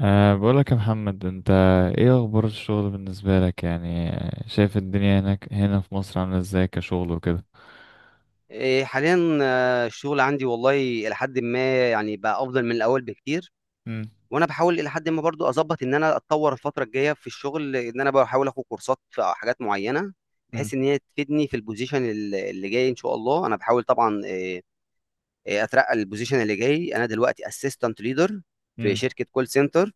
بقولك يا محمد، انت ايه اخبار الشغل بالنسبة لك يعني شايف الدنيا هناك هنا في مصر عاملة ازاي كشغل وكده؟ إيه، حاليا الشغل عندي والله الى حد ما يعني بقى افضل من الاول بكتير. مم. وانا بحاول الى حد ما برضو اظبط ان انا اتطور الفتره الجايه في الشغل، ان انا بحاول اخد كورسات في حاجات معينه مم. بحيث ان هي تفيدني في البوزيشن اللي جاي ان شاء الله. انا بحاول طبعا إيه، إيه، اترقى البوزيشن اللي جاي. انا دلوقتي اسيستنت ليدر في مم. شركه كول سنتر،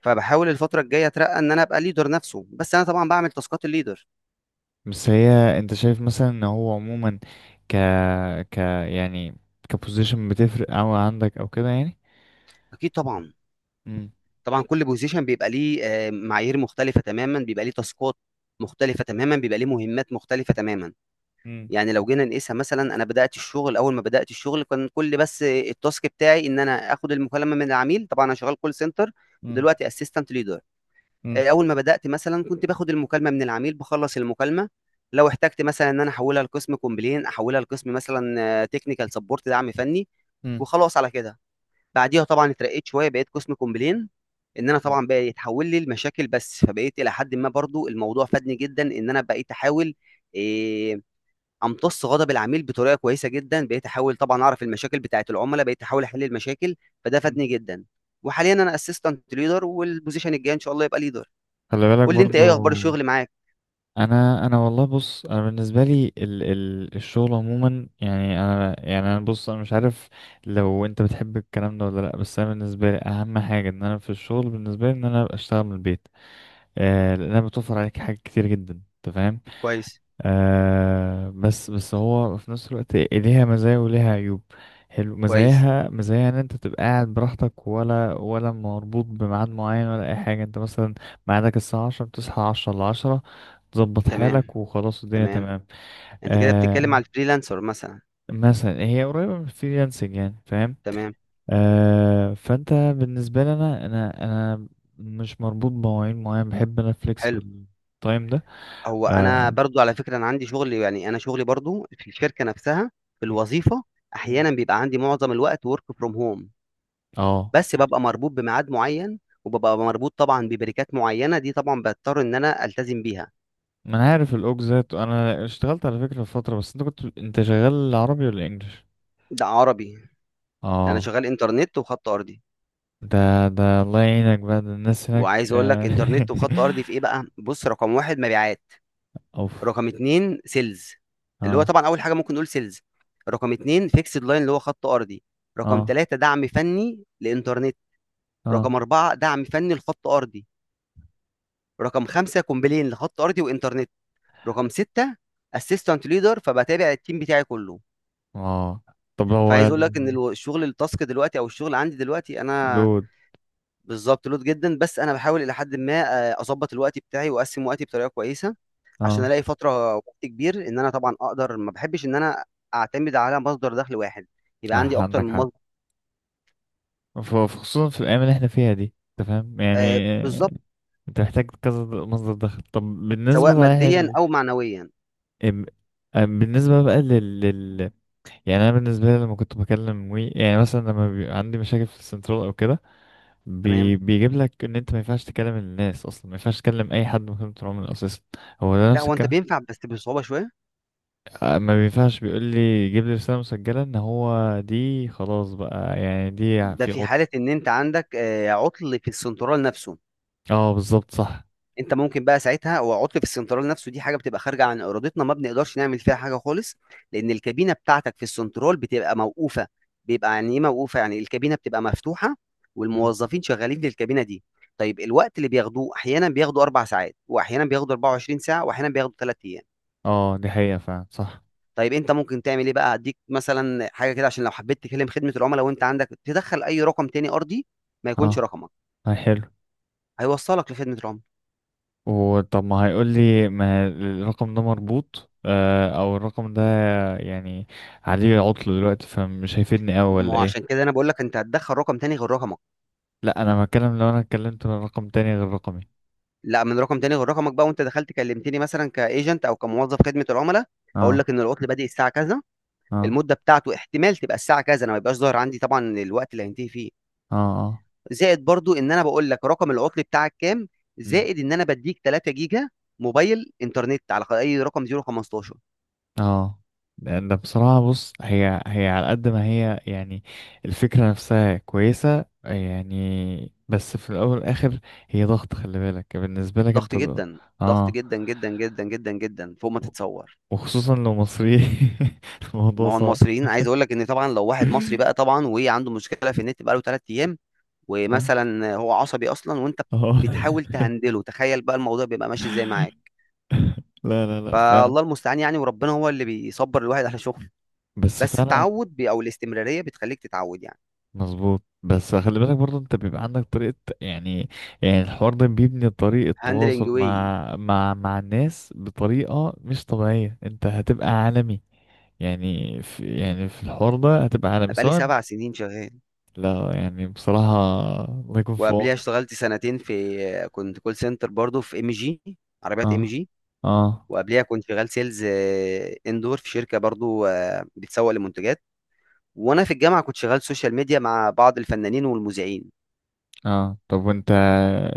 فبحاول الفتره الجايه اترقى ان انا ابقى ليدر نفسه، بس انا طبعا بعمل تاسكات الليدر. بس هي انت شايف مثلا ان هو عموما ك ك يعني كبوزيشن بتفرق او عندك او كده يعني؟ اكيد طبعا. مم. طبعا كل بوزيشن بيبقى ليه معايير مختلفه تماما، بيبقى ليه تاسكات مختلفه تماما، بيبقى ليه مهمات مختلفه تماما. مم. يعني لو جينا نقيسها، مثلا انا بدات الشغل، اول ما بدات الشغل كان كل بس التاسك بتاعي ان انا اخد المكالمه من العميل، طبعا انا شغال كول سنتر. مم. ودلوقتي اسيستنت ليدر. اول ما بدات مثلا كنت باخد المكالمه من العميل بخلص المكالمه، لو احتجت مثلا ان انا احولها لقسم كومبلين احولها لقسم مثلا تكنيكال سبورت، دعم فني، مم. وخلاص على كده. بعديها طبعا اترقيت شويه، بقيت قسم كومبلين، ان انا مم. طبعا بقى يتحول لي المشاكل بس. فبقيت الى حد ما برضو الموضوع فادني جدا، ان انا بقيت احاول إيه امتص غضب العميل بطريقه كويسه جدا، بقيت احاول طبعا اعرف المشاكل بتاعه العملاء، بقيت احاول احل المشاكل، فده فادني جدا. وحاليا انا اسيستنت ليدر، والبوزيشن الجاي ان شاء الله يبقى ليدر. خلي بالك قول لي انت برضو. ايه اخبار الشغل معاك. انا والله، بص، انا بالنسبه لي ال الشغل عموما، يعني انا، يعني انا، بص انا مش عارف لو انت بتحب الكلام ده ولا لا، بس انا بالنسبه لي اهم حاجه ان انا في الشغل، بالنسبه لي، ان انا ابقى اشتغل من البيت. لانها بتوفر عليك حاجات كتير جدا، انت فاهم. كويس. بس هو في نفس الوقت ليها مزايا وليها عيوب. حلو. كويس. مزاياها مزايا ان انت تبقى قاعد براحتك ولا مربوط بميعاد معين ولا اي حاجه. انت مثلا ميعادك الساعه 10، بتصحى 10 ل 10، تظبط تمام. حالك وخلاص الدنيا تمام. تمام. انت كده بتتكلم آه على الفريلانسر مثلا؟ مثلا هي قريبه من الفريلانسنج، يعني فاهم. تمام. فانت بالنسبه لي، انا مش مربوط بمواعيد معين، بحب انا حلو. فليكسبل تايم ده. هو انا اه. برضو على فكره انا عندي شغل، يعني انا شغلي برضو في الشركه نفسها، في مم. الوظيفه. مم. احيانا بيبقى عندي معظم الوقت ورك فروم هوم، اه. بس ببقى مربوط بميعاد معين، وببقى مربوط طبعا ببريكات معينه دي طبعا بضطر ان انا التزم بيها. ما انا عارف الاوك ذات. انا اشتغلت على فكرة في فترة، بس انت شغال عربي ولا انجليش؟ ده عربي. انا اه. شغال انترنت وخط ارضي. ده الله يعينك بقى. ده الناس هناك وعايز اقول لك انترنت وخط ارضي في ايه بقى؟ بص، رقم واحد مبيعات، اوف. رقم اتنين سيلز، اللي هو اه. طبعا اول حاجه ممكن نقول سيلز. رقم اتنين فيكسد لاين اللي هو خط ارضي. رقم اه. ثلاثة دعم فني لإنترنت. رقم اه. أربعة دعم فني لخط أرضي. رقم خمسة كومبلين لخط أرضي وإنترنت. رقم ستة أسيستنت ليدر، فبتابع التيم بتاعي كله. اه. طب هو فعايز أقول لك إن الشغل التاسك دلوقتي أو الشغل عندي دلوقتي أنا لود. بالظبط لود جدا. بس أنا بحاول إلى حد ما أظبط الوقت بتاعي وأقسم وقتي بطريقة كويسة عشان اه. ألاقي فترة وقت كبير إن أنا طبعا أقدر. ما بحبش إن أنا أعتمد على مصدر دخل واحد، يبقى عندي أكتر عندك من حق. مصدر. خصوصا في الايام اللي احنا فيها دي، انت فاهم يعني بالظبط. انت محتاج كذا مصدر دخل. طب بالنسبة، سواء صحيح ماديا أو معنويا. ام- بالنسبة بقى يعني انا بالنسبه لي لما كنت بكلم وي، يعني مثلا لما بيبقى عندي مشاكل في السنترال او كده، تمام. بيجيب لك ان انت ما ينفعش تكلم الناس اصلا، ما ينفعش تكلم اي حد من خدمه العملاء اساسا. هو ده لا، نفس هو أنت الكلام؟ بينفع بس بصعوبة شوية. ما بينفعش. بيقول لي جيب لي رساله مسجله ان هو دي خلاص بقى، يعني دي ده في في عطل. حالة إن أنت عندك عطل في السنترال نفسه. اه بالظبط صح. أنت ممكن بقى ساعتها، هو عطل في السنترال نفسه، دي حاجة بتبقى خارجة عن إرادتنا، ما بنقدرش نعمل فيها حاجة خالص، لأن الكابينة بتاعتك في السنترال بتبقى موقوفة. بيبقى يعني إيه موقوفة؟ يعني الكابينة بتبقى مفتوحة مم. والموظفين شغالين في الكابينة دي. طيب الوقت اللي بياخدوه أحيانا بياخدوا 4 ساعات، وأحيانا بياخدوا 24 ساعة، وأحيانا بياخدوا 3 أيام. اه دي حقيقه فعلا صح. طيب أنت ممكن تعمل إيه بقى؟ هديك مثلا حاجة كده، عشان لو حبيت تكلم خدمة العملاء وأنت عندك، تدخل أي رقم تاني أرضي ما يكونش اه رقمك، هاي حلو. هيوصلك لخدمة العملاء. وطب ما هيقول لي ما الرقم ده مربوط او الرقم ده يعني عليه عطل دلوقتي، فمش هيفيدني اوي ما ولا هو ايه؟ عشان كده انا بقول لك انت هتدخل رقم تاني غير رقمك. لا انا بتكلم لو انا اتكلمت من رقم تاني غير رقمي. لا، من رقم تاني غير رقمك بقى، وانت دخلت كلمتني مثلا كايجنت او كموظف خدمه العملاء، هقول اه. لك ان العطل بادئ الساعه كذا، اه. المده بتاعته احتمال تبقى الساعه كذا، انا ما يبقاش ظاهر عندي طبعا الوقت اللي هينتهي فيه. اه. اه. زائد برضو ان انا بقول لك رقم العطل بتاعك كام. مم. زائد ان انا بديك 3 جيجا موبايل انترنت على اي رقم 015. اه. لأن ده بصراحة، بص، هي على قد ما هي يعني، الفكرة نفسها كويسة يعني، بس في الأول والآخر هي ضغط. خلي بالك بالنسبة لك ضغط أنت جدا. ضغط اه. جدا جدا جدا جدا جدا فوق ما و- تتصور. وخصوصا لو مصري. الموضوع ما هو صعب. المصريين عايز اقول لك ان طبعا لو واحد مصري بقى، طبعا وعنده مشكله في النت، بقى له 3. اه. ومثلا هو عصبي اصلا، وانت اه. بتحاول تهندله، تخيل بقى الموضوع بيبقى ماشي ازاي معاك. لا، لا، لا، فعلا. فالله المستعان يعني، وربنا هو اللي بيصبر الواحد على شغله. بس بس فعلا التعود او الاستمراريه بتخليك تتعود يعني. مظبوط. بس خلي بالك برضه، انت بيبقى عندك طريقة يعني يعني الحوار ده بيبني طريقة هاندلنج تواصل واي. مع الناس بطريقة مش طبيعية. انت هتبقى عالمي. يعني في الحوار ده هتبقى انا عالمي بقالي سواء. 7 سنين شغال. لا يعني بصراحة، الله يكون في وقبليها عونك. اشتغلت سنتين في كنت كول سنتر برضو في ام جي. عربيات ام اه. جي. اه. وقبليها كنت شغال سيلز اندور في شركه برضو بتسوق لمنتجات. وانا في الجامعه كنت شغال سوشيال ميديا مع بعض الفنانين والمذيعين. اه. طب وانت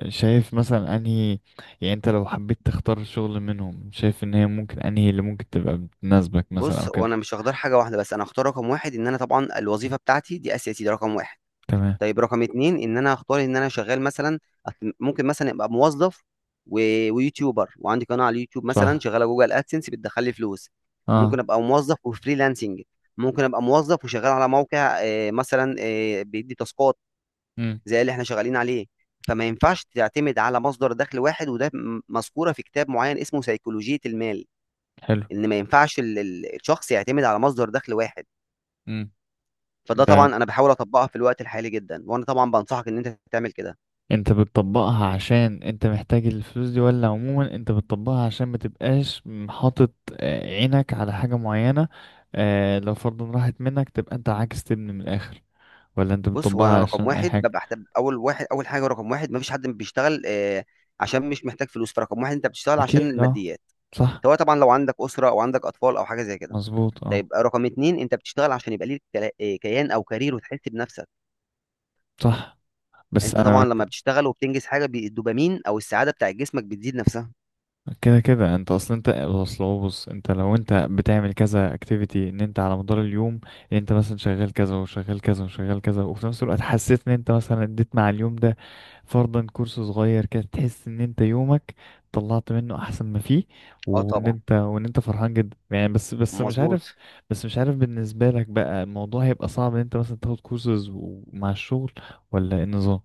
شايف مثلا انهي، يعني انت لو حبيت تختار شغل منهم، شايف ان هي ممكن انهي اللي ممكن تبقى بتناسبك مثلا بص او هو كده؟ انا مش هختار حاجه واحده، بس انا هختار رقم واحد، ان انا طبعا الوظيفه بتاعتي دي اساسي، ده رقم واحد. تمام. طيب رقم اتنين، ان انا هختار ان انا شغال مثلا ممكن مثلا ابقى موظف و... ويوتيوبر وعندي قناه على اليوتيوب مثلا صح. شغاله جوجل ادسنس بتدخل لي فلوس. ممكن اه. ابقى موظف وفريلانسنج. ممكن ابقى موظف وشغال على موقع مثلا بيدي تاسكات امم. زي اللي احنا شغالين عليه. فما ينفعش تعتمد على مصدر دخل واحد، وده مذكوره في كتاب معين اسمه سيكولوجيه المال، حلو. ان ما ينفعش الشخص يعتمد على مصدر دخل واحد. مم. فده ده طبعا انا بحاول اطبقها في الوقت الحالي جدا، وانا طبعا بنصحك ان انت تعمل كده. انت بتطبقها عشان انت محتاج الفلوس دي، ولا عموما انت بتطبقها عشان ما تبقاش حاطط عينك على حاجة معينة؟ لو فرضا راحت منك، تبقى انت عاكس، تبني من الاخر، ولا انت بص هو انا بتطبقها رقم عشان اي واحد حاجة؟ ببقى أحتب اول واحد، اول حاجه رقم واحد مفيش حد بيشتغل عشان مش محتاج فلوس، فرقم واحد انت بتشتغل عشان اكيد اه الماديات، صح. سواء طبعا لو عندك اسره او عندك اطفال او حاجه زي كده. مظبوط اه طيب رقم اتنين، انت بتشتغل عشان يبقى ليك كيان او كارير وتحس بنفسك. صح. بس انت انا طبعا لما بتشتغل وبتنجز حاجه الدوبامين او السعاده بتاع جسمك بتزيد نفسها. كده كده انت اصلا، انت اصل هو، بص، انت لو انت بتعمل كذا اكتيفيتي ان انت على مدار اليوم، ان انت مثلا شغال كذا وشغال كذا وشغال كذا، وفي نفس الوقت حسيت ان انت مثلا اديت مع اليوم ده فرضا كورس صغير كده، تحس ان انت يومك طلعت منه احسن ما فيه. اه وان طبعا. انت وان انت فرحان جدا يعني، بس مش عارف. مظبوط. بس مش عارف بالنسبة لك بقى الموضوع هيبقى صعب ان انت مثلا تاخد كورسز مع الشغل، ولا ايه النظام؟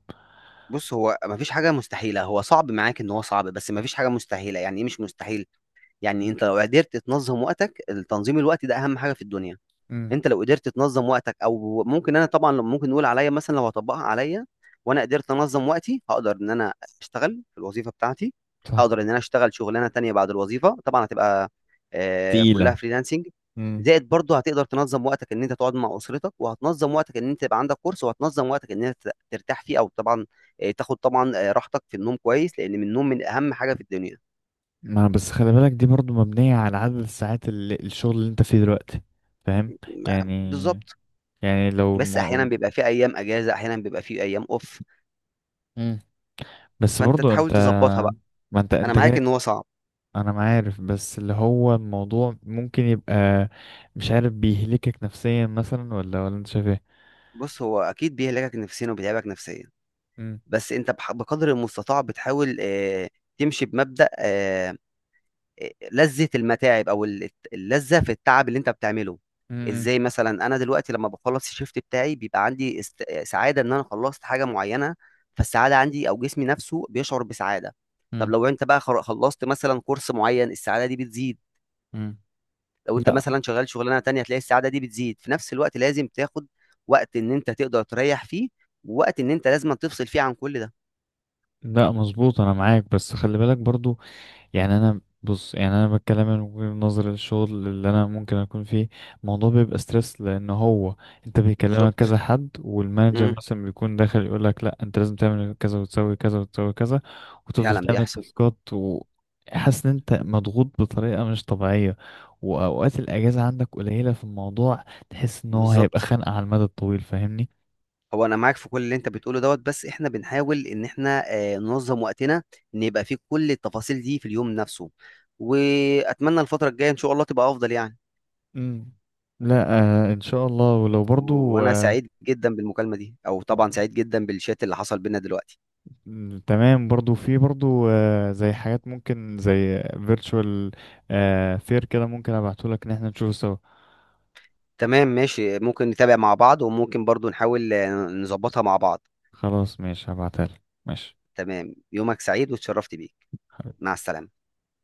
بص هو مفيش حاجة مستحيلة، هو صعب، معاك ان هو صعب، بس مفيش حاجة مستحيلة. يعني ايه مش مستحيل؟ يعني مم. انت لو قدرت تنظم وقتك، التنظيم الوقت ده اهم حاجة في الدنيا. مم. انت لو قدرت تنظم وقتك، او ممكن انا طبعا لو ممكن نقول عليا، مثلا لو هطبقها عليا وانا قدرت انظم وقتي، هقدر ان انا اشتغل في الوظيفه بتاعتي، صح. هقدر ان انا اشتغل شغلانه تانية بعد الوظيفه، طبعا هتبقى كلها تقيلة. فريلانسنج. زائد برضه هتقدر تنظم وقتك ان انت تقعد مع اسرتك، وهتنظم وقتك ان انت يبقى عندك كورس، وهتنظم وقتك ان انت ترتاح فيه، او طبعا تاخد طبعا راحتك في النوم كويس، لان من النوم من اهم حاجه في الدنيا. ما بس خلي بالك، دي برضو مبنية على عدد الساعات اللي الشغل اللي انت فيه دلوقتي، فاهم ما- يعني بالظبط. يعني لو بس احيانا ما... بيبقى في ايام اجازه، احيانا بيبقى في ايام اوف. مم. بس فانت برضو تحاول انت. تظبطها بقى. ما انت انا انت معاك جاي. ان هو صعب. انا ما عارف، بس اللي هو الموضوع ممكن يبقى، مش عارف، بيهلكك نفسيا مثلا ولا انت شايف ايه؟ بص هو اكيد بيهلكك نفسيا وبيتعبك نفسيا. مم. بس انت بقدر المستطاع بتحاول تمشي بمبدأ لذة المتاعب او اللذة في التعب اللي انت بتعمله. مم. ازاي مثلا انا دلوقتي لما بخلص الشيفت بتاعي بيبقى عندي سعادة ان انا خلصت حاجة معينة، فالسعادة عندي او جسمي نفسه بيشعر بسعادة. طب مم. لو انت بقى خلصت مثلا كورس معين، السعادة دي بتزيد. مم. لو انت لا، مثلا شغال شغلانه تانية هتلاقي السعاده دي بتزيد. في نفس الوقت لازم تاخد وقت ان انت تقدر تريح فيه، ووقت ان انت لازم تفصل فيه عن كل ده. لا، مظبوط. انا معاك، بس خلي بالك برضو، يعني انا، بص، يعني انا بتكلم من وجهة نظر الشغل اللي انا ممكن اكون فيه. الموضوع بيبقى ستريس، لان هو انت بيكلمك بالظبط. كذا حد، والمانجر امم. مثلا بيكون داخل يقول لك لا انت لازم تعمل كذا وتسوي كذا وتسوي كذا، وتفضل فعلا تعمل بيحصل. تاسكات وحاسس ان انت مضغوط بطريقة مش طبيعية، واوقات الاجازة عندك قليلة في الموضوع، تحس ان هو هيبقى بالظبط. خانقة على المدى الطويل، فاهمني؟ هو انا معاك في كل اللي انت بتقوله دوت، بس احنا بنحاول ان احنا ننظم وقتنا، ان يبقى فيه كل التفاصيل دي في اليوم نفسه. واتمنى الفتره الجايه ان شاء الله تبقى افضل يعني. امم. لا. آه ان شاء الله. ولو برضو وانا سعيد جدا بالمكالمه دي، او آه. طبعا سعيد جدا بالشات اللي حصل بينا دلوقتي. مم، تمام. برضو في برضو زي حاجات ممكن، زي فيرتشوال فير كده، ممكن ابعتهولك ان احنا نشوفه سوا. تمام ماشي، ممكن نتابع مع بعض، وممكن برضو نحاول نظبطها مع بعض. خلاص ماشي، هبعتهالك، ماشي. تمام، يومك سعيد واتشرفت بيك. مع السلامة.